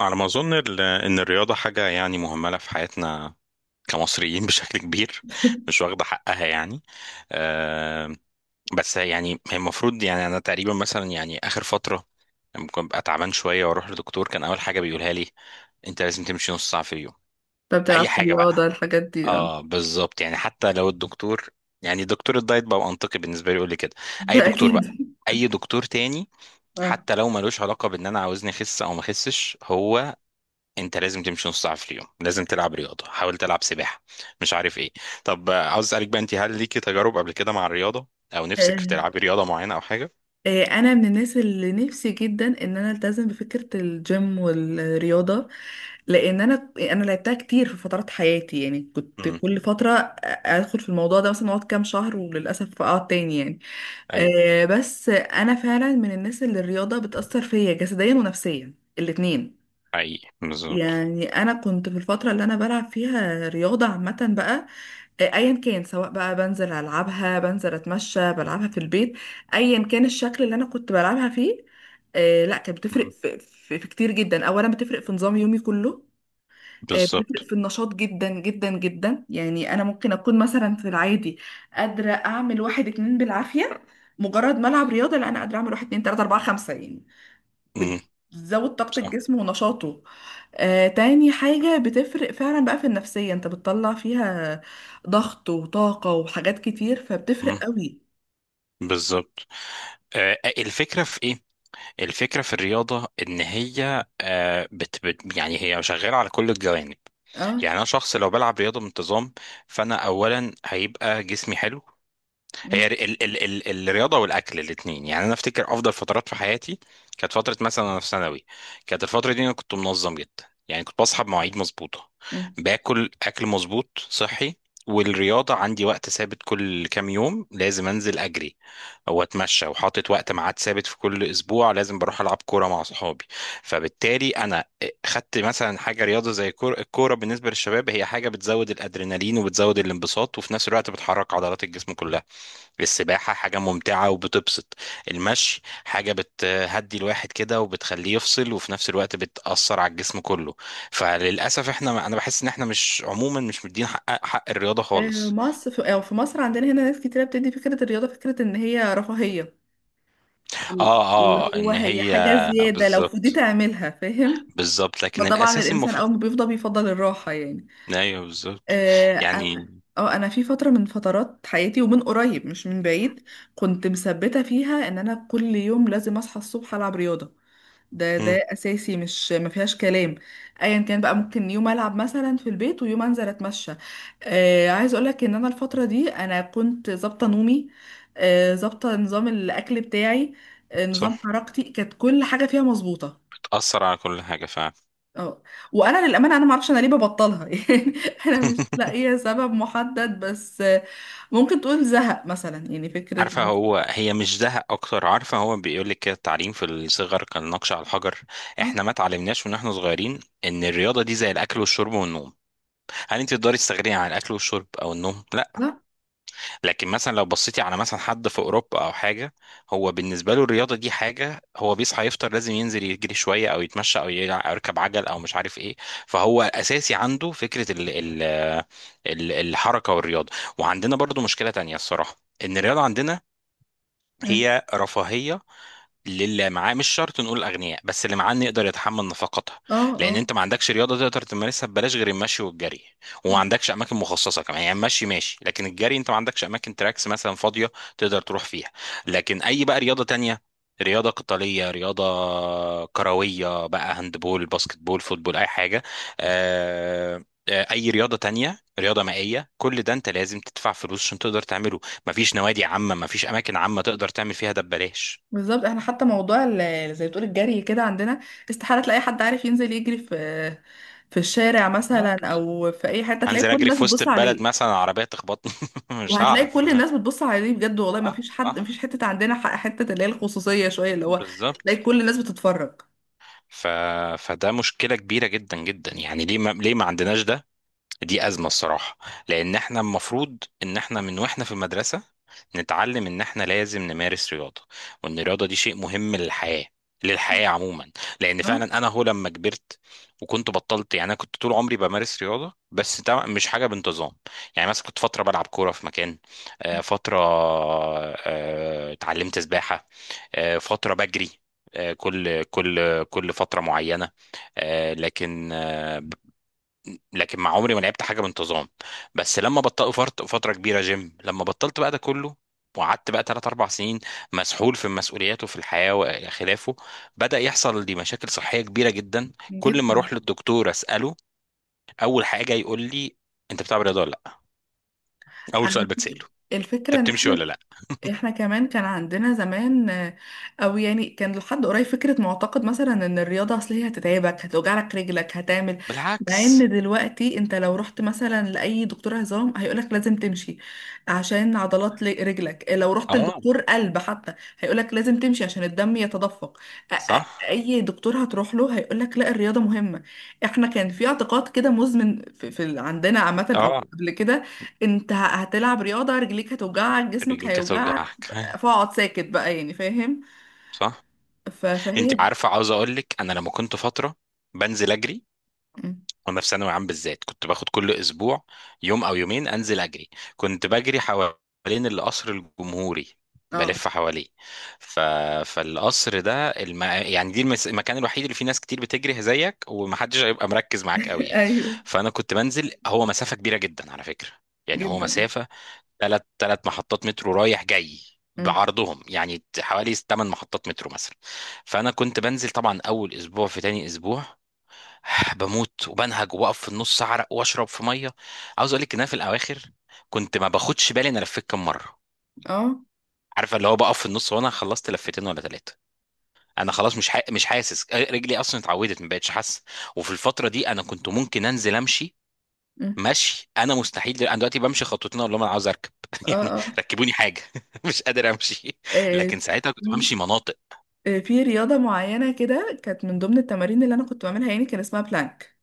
على ما أظن إن الرياضة حاجة، يعني، مهملة في حياتنا كمصريين بشكل كبير. مش واخدة حقها يعني. آه، بس يعني هي المفروض، يعني، أنا تقريبا مثلا يعني آخر فترة ممكن أبقى تعبان شوية وأروح لدكتور. كان أول حاجة بيقولها لي: أنت لازم تمشي نص ساعة في اليوم. طب بتلعب أي في حاجة الرياضة بقى. الحاجات دي اه أه، بالظبط. يعني حتى لو الدكتور، يعني دكتور الدايت، بقى منطقي بالنسبة لي يقول لي كده. أي ده دكتور أكيد. بقى، أي دكتور تاني، اه. حتى لو ملوش علاقة بإن أنا عاوزني أخس أو ما أخسش. هو انت لازم تمشي نص ساعه في اليوم، لازم تلعب رياضه، حاول تلعب سباحه، مش عارف ايه. طب آه، عاوز اسالك بقى انت، هل ليكي تجارب قبل كده مع الرياضه، او نفسك في آه، تلعبي رياضه معينه او حاجه؟ أنا من الناس اللي نفسي جدا إن أنا ألتزم بفكرة الجيم والرياضة، لأن أنا لعبتها كتير في فترات حياتي، يعني كنت امم. كل فترة أدخل في الموضوع ده مثلا أقعد كام شهر وللأسف أقعد تاني يعني. ايوه، بس أنا فعلا من الناس اللي الرياضة بتأثر فيا جسديا ونفسيا الاتنين. حقيقي، بالظبط. يعني انا كنت في الفتره اللي انا بلعب فيها رياضه عامه بقى، ايا كان، سواء بقى بنزل العبها، بنزل اتمشى، بلعبها في البيت، ايا كان الشكل اللي انا كنت بلعبها فيه. لا، كانت بتفرق مم. في كتير جدا. اولا بتفرق في نظام يومي كله. بتفرق بالظبط. في النشاط جدا جدا جدا. يعني انا ممكن اكون مثلا في العادي قادره اعمل واحد اتنين بالعافيه، مجرد ما العب رياضه لا انا قادره اعمل واحد اتنين تلاته اربعه خمسه يعني، امم. بتزود طاقة صح. الجسم ونشاطه. تاني حاجة بتفرق فعلا بقى في النفسية، انت بتطلع فيها ضغط وطاقة وحاجات كتير، فبتفرق مم. قوي. بالظبط. آه. آه، الفكره في ايه؟ الفكره في الرياضه ان هي آه بت يعني هي شغاله على كل الجوانب. اه. يعني انا شخص لو بلعب رياضه بانتظام، فانا اولا هيبقى جسمي حلو. هي مم. ال الرياضه والاكل الاثنين، يعني انا افتكر افضل فترات في حياتي كانت فتره مثلا انا في ثانوي. كانت الفتره دي انا كنت منظم جدا، يعني كنت بصحى بمواعيد مظبوطه، مم. باكل اكل مظبوط صحي، والرياضه عندي وقت ثابت كل كام يوم لازم انزل اجري او اتمشى، وحاطط وقت ميعاد ثابت في كل اسبوع لازم بروح العب كوره مع صحابي. فبالتالي انا خدت مثلا حاجه رياضه زي الكوره. الكوره بالنسبه للشباب هي حاجه بتزود الادرينالين وبتزود الانبساط، وفي نفس الوقت بتحرك عضلات الجسم كلها. السباحة حاجة ممتعة وبتبسط. المشي حاجة بتهدي الواحد كده وبتخليه يفصل، وفي نفس الوقت بتأثر على الجسم كله. فللأسف احنا، أنا بحس إن احنا مش عموما، مش مدين حق الرياضة خالص. مصر أو في مصر عندنا هنا ناس كتيرة بتدي فكرة الرياضة فكرة ان هي رفاهية، اه. اللي اه، هو إن هي هي حاجة زيادة لو فضيت بالظبط. اعملها فاهم. بالظبط، لكن فطبعا الأساسي الانسان المفروض. اول ما بيفضى بيفضل الراحة يعني. أيوه، بالظبط، آه، يعني. انا. اه، انا في فتره من فترات حياتي ومن قريب مش من بعيد كنت مثبته فيها ان انا كل يوم لازم اصحى الصبح العب رياضه، ده مم، اساسي مش ما فيهاش كلام. ايا كان بقى، ممكن يوم العب مثلا في البيت ويوم انزل اتمشى. آه، عايز اقولك ان انا الفتره دي انا كنت ظابطه نومي، آه، ظابطه نظام الاكل بتاعي، آه، نظام صح، حركتي، كانت كل حاجه فيها مظبوطه. بتأثر على كل حاجة فعلا. اه. وانا للامانه انا ما اعرفش انا ليه ببطلها يعني، انا مش لاقيه سبب محدد، بس ممكن تقول زهق مثلا يعني فكره عارفة، بس- هو هي مش زهق أكتر. عارفة، هو بيقول لك كده، التعليم في الصغر كان نقش على الحجر. اه. إحنا ما اتعلمناش ونحن صغيرين إن الرياضة دي زي الأكل والشرب والنوم. هل أنت تقدري تستغني عن الأكل والشرب أو النوم؟ لا. لا. لكن مثلا لو بصيتي على مثلا حد في أوروبا أو حاجة، هو بالنسبة له الرياضة دي حاجة، هو بيصحى يفطر لازم ينزل يجري شوية أو يتمشى أو أو يركب عجل أو مش عارف إيه. فهو أساسي عنده فكرة الحركة والرياضة. وعندنا برضو مشكلة تانية الصراحة، ان الرياضه عندنا مم. هي رفاهية للي معاه، مش شرط نقول الاغنياء، بس اللي معاه إنه يقدر يتحمل نفقاتها. اه. اه، لان انت ما عندكش رياضه تقدر تمارسها ببلاش غير المشي والجري. وما عندكش اماكن مخصصه كمان، يعني المشي ماشي، لكن الجري انت ما عندكش اماكن تراكس مثلا فاضيه تقدر تروح فيها. لكن اي بقى رياضه تانية، رياضة قتالية، رياضة كروية بقى، هاندبول، باسكتبول، فوتبول، أي حاجة. آه، آه، أي رياضة تانية، رياضة مائية، كل ده أنت لازم تدفع فلوس عشان تقدر تعمله. مفيش نوادي عامة، مفيش أماكن عامة تقدر تعمل فيها ده ببلاش. بالظبط. احنا حتى موضوع زي بتقول الجري كده عندنا استحاله تلاقي حد عارف ينزل يجري في الشارع مثلا بالظبط. او في اي حته، تلاقي هنزل كل اجري الناس في وسط بتبص البلد عليه. مثلا؟ عربيه تخبطني مش وهتلاقي هعرف. كل الناس بتبص عليه بجد، والله ما صح فيش حد، ما فيش صح حته عندنا حته اللي هي الخصوصيه شويه، اللي هو تلاقي بالظبط. كل الناس بتتفرج. ف... فده مشكله كبيره جدا جدا، يعني ليه ما... ليه ما عندناش ده؟ دي أزمة الصراحة. لأن احنا المفروض إن احنا من واحنا في المدرسة نتعلم إن احنا لازم نمارس رياضة، وإن الرياضة دي شيء مهم للحياة، للحياة عموما. لأن اه. فعلا أنا، هو لما كبرت وكنت بطلت، يعني أنا كنت طول عمري بمارس رياضة، بس طبعاً مش حاجة بانتظام. يعني مثلا كنت فترة بلعب كورة في مكان. آه، فترة آه، اتعلمت سباحة. آه، فترة بجري. آه، كل فترة معينة. آه، لكن آه، لكن مع عمري ما لعبت حاجه بانتظام. بس لما بطلت فتره كبيره جيم، لما بطلت بقى ده كله، وقعدت بقى 3 4 سنين مسحول في مسؤولياته في الحياه وخلافه، بدا يحصل لي مشاكل صحيه كبيره جدا. كل ما جدا. اروح للدكتور اساله، اول حاجه يقول لي: انت بتلعب رياضه ولا لا؟ اول على سؤال فكرة، بتساله: الفكرة انت ان بتمشي ولا احنا، لا؟ احنا كمان كان عندنا زمان آه، او يعني كان لحد قريب فكرة معتقد مثلا ان الرياضة اصل هي هتتعبك، هتوجعلك رجلك، هتعمل. مع بالعكس. ان دلوقتي انت لو رحت مثلا لأي دكتور عظام هيقولك لازم تمشي عشان عضلات رجلك، لو رحت اه. لدكتور قلب حتى هيقولك لازم تمشي عشان الدم يتدفق. صح. اي دكتور هتروح له هيقولك لا الرياضة مهمة. احنا كان في اعتقاد كده مزمن في عندنا عامة او اه، قبل كده، انت هتلعب رياضة رجليك هتوجعك جسمك رجليك هيوجعك، هتوجعك، أيوة. فاقعد ساكت بقى يعني فاهم. صح. انت فهي. عارفه، عاوز اقول لك، انا لما كنت فتره بنزل اجري مم. وانا في ثانوي عام بالذات، كنت باخد كل اسبوع يوم او يومين انزل اجري. كنت بجري حوالين القصر الجمهوري، اه بلف حواليه. ف... فالقصر ده يعني دي المكان الوحيد اللي فيه ناس كتير بتجري زيك ومحدش هيبقى مركز معاك قوي يعني. ايوه. فانا كنت بنزل، هو مسافة كبيرة جدا على فكرة، يعني هو جدا. مسافة ثلاث محطات مترو رايح جاي، مم. بعرضهم يعني حوالي 8 محطات مترو مثلا. فانا كنت بنزل طبعا، اول اسبوع في تاني اسبوع بموت وبنهج وبقف في النص اعرق واشرب في ميه. عاوز اقول لك ان انا في الاواخر كنت ما باخدش بالي انا لفيت كام مره. اه. عارفه، اللي هو بقف في النص وانا خلصت لفتين ولا ثلاثه. انا خلاص مش حاسس رجلي اصلا، اتعودت ما بقتش حاسه. وفي الفتره دي انا كنت ممكن انزل امشي، مم. مشي. انا مستحيل انا دلوقتي بمشي خطوتين اقول لهم انا عاوز اركب اه. يعني اه. ركبوني حاجه مش قادر امشي. آه، لكن ساعتها كنت بمشي في. مناطق. في رياضة معينة كده كانت من ضمن التمارين اللي انا كنت بعملها، يعني كان اسمها بلانك.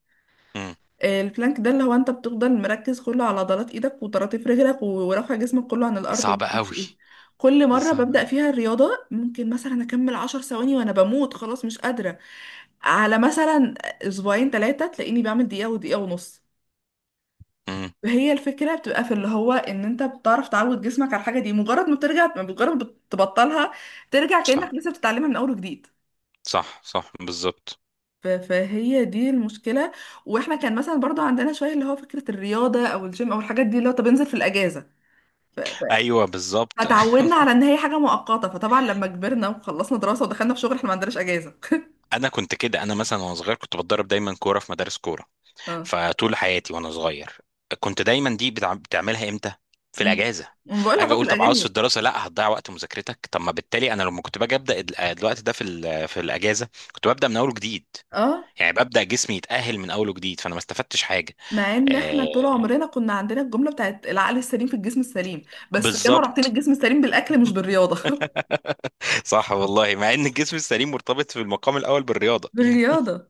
امم. آه، البلانك ده اللي هو انت بتفضل مركز كله على عضلات ايدك وطراطيف رجلك ورافع جسمك كله عن دي الارض وما صعبه اعرفش قوي. ايه. كل دي مرة صعبة. ببدأ فيها الرياضة ممكن مثلا اكمل عشر ثواني وانا بموت خلاص مش قادرة، على مثلا اسبوعين ثلاثة تلاقيني بعمل دقيقة ودقيقة ونص. امم. هي الفكرة بتبقى في اللي هو ان انت بتعرف تعود جسمك على الحاجة دي، مجرد ما بترجع، مجرد ما بتبطلها، ترجع كأنك صح لسه بتتعلمها من اول وجديد. صح صح، بالظبط. فهي دي المشكلة. واحنا كان مثلا برضو عندنا شوية اللي هو فكرة الرياضة او الجيم او الحاجات دي، اللي هو طب انزل في الاجازة. ف- ف- ايوه، بالظبط. فتعودنا على ان هي حاجة مؤقتة، فطبعا لما كبرنا وخلصنا دراسة ودخلنا في شغل احنا ما عندناش اجازة انا كنت كده، انا مثلا وانا صغير كنت بتدرب دايما كوره في مدارس كوره. اه. فطول حياتي وانا صغير، كنت دايما دي بتعملها امتى؟ في امم. الاجازه. بقول لك اجي بقى في اقول طب عاوز في الاجازة. الدراسه، لا هتضيع وقت مذاكرتك. طب ما بالتالي انا لما كنت باجي ابدا آه، الوقت ده في في الاجازه كنت ببدا من اول وجديد. اه، يعني ببدا جسمي يتاهل من اول وجديد، فانا ما استفدتش حاجه. مع ان احنا آه، طول عمرنا كنا عندنا الجمله بتاعت العقل السليم في الجسم السليم، بس كانوا رابطين بالظبط. الجسم السليم بالاكل مش بالرياضه صح والله، مع ان الجسم السليم مرتبط في المقام الاول بالرياضه بالرياضة.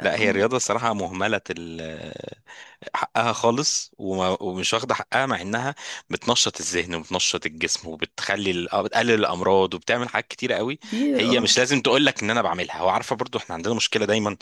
لا هي هم. الرياضة الصراحة مهملة، حقها خالص، ومش واخدة حقها، مع إنها بتنشط الذهن وبتنشط الجسم وبتخلي آه، بتقلل الأمراض وبتعمل حاجات كتيرة قوي. كتير هي اه. مش لازم تقول لك إن أنا بعملها. وعارفة برضو إحنا عندنا مشكلة دايما،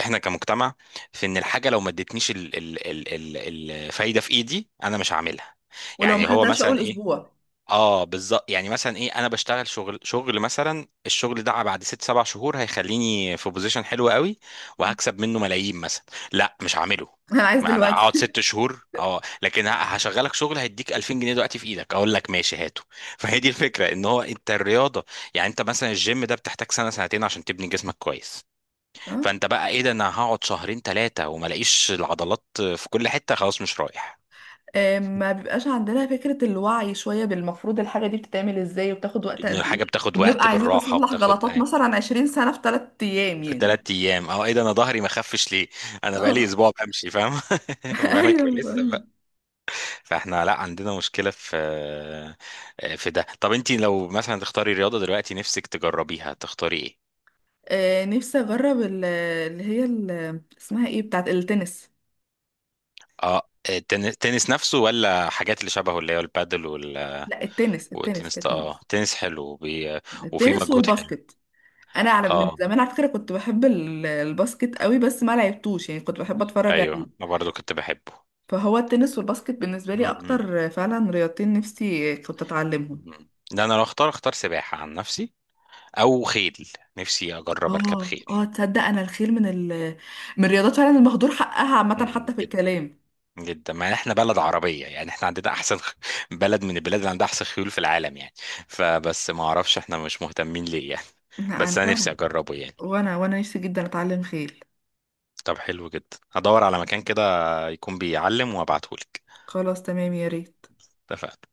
إحنا كمجتمع، في إن الحاجة لو ما ادتنيش الفايدة في إيدي أنا مش هعملها. ولو ما يعني هو خدتهاش مثلا اول إيه، اسبوع. اه بالظبط. يعني مثلا ايه، انا بشتغل شغل، مثلا الشغل ده بعد ست سبع شهور هيخليني في بوزيشن حلو قوي وهكسب منه ملايين مثلا، لا مش هعمله. انا عايز ما انا اقعد دلوقتي ست شهور اه، لكن هشغلك شغل هيديك 2000 جنيه دلوقتي في ايدك، اقول لك ماشي هاته فهي دي الفكره، ان هو انت الرياضه، يعني انت مثلا الجيم ده بتحتاج سنه سنتين عشان تبني جسمك كويس. اه. فانت بقى ايه ده، انا هقعد شهرين ثلاثه وما الاقيش العضلات في كل حته، خلاص مش رايح. آه، ما بيبقاش عندنا فكره الوعي شويه بالمفروض الحاجه دي بتتعمل ازاي وبتاخد وقت ان قد ايه، الحاجه بتاخد وبنبقى وقت عايزين بالراحه نصلح وبتاخد. غلطات مثلا 20 سنه في 3 ايام في يعني. تلات ايام اه، ايه ده، انا ظهري ما خفش ليه، انا بقالي اه اسبوع بمشي، فاهم مالك بقى ايوه لسه بقول لك. بقى. فاحنا لا عندنا مشكله في آه، في ده. طب انت لو مثلا تختاري رياضه دلوقتي نفسك تجربيها، تختاري ايه؟ آه، نفسي اجرب اسمها ايه بتاعت التنس. اه، التنس نفسه ولا حاجات اللي شبهه، اللي هو البادل لا، التنس، التنس والتنس ده؟ اه، كتنس. تنس حلو وفي التنس مجهود حلو. والباسكت. انا على من اه، زمان على فكره كنت بحب الباسكت قوي بس ما لعبتوش، يعني كنت بحب اتفرج عليه. ايوه، انا برضو كنت بحبه. فهو التنس والباسكت بالنسبه لي م- م- اكتر، فعلا رياضتين نفسي كنت اتعلمهم. م. ده انا لو اختار، اختار سباحه عن نفسي، او خيل. نفسي اجرب اركب اه خيل. اه. تصدق انا الخيل من ال، من الرياضات فعلا المهدور حقها عامه حتى مم، في جدا. الكلام. جدا، ما احنا بلد عربية، يعني احنا عندنا احسن بلد من البلاد اللي عندها احسن خيول في العالم يعني. فبس ما اعرفش احنا مش مهتمين ليه يعني. لا انا بس انا نفسي فعلا، اجربه يعني. وانا نفسي جدا اتعلم خيل. طب حلو جدا، هدور على مكان كده يكون بيعلم وابعتهولك. خلاص تمام يا ريت. اتفقنا.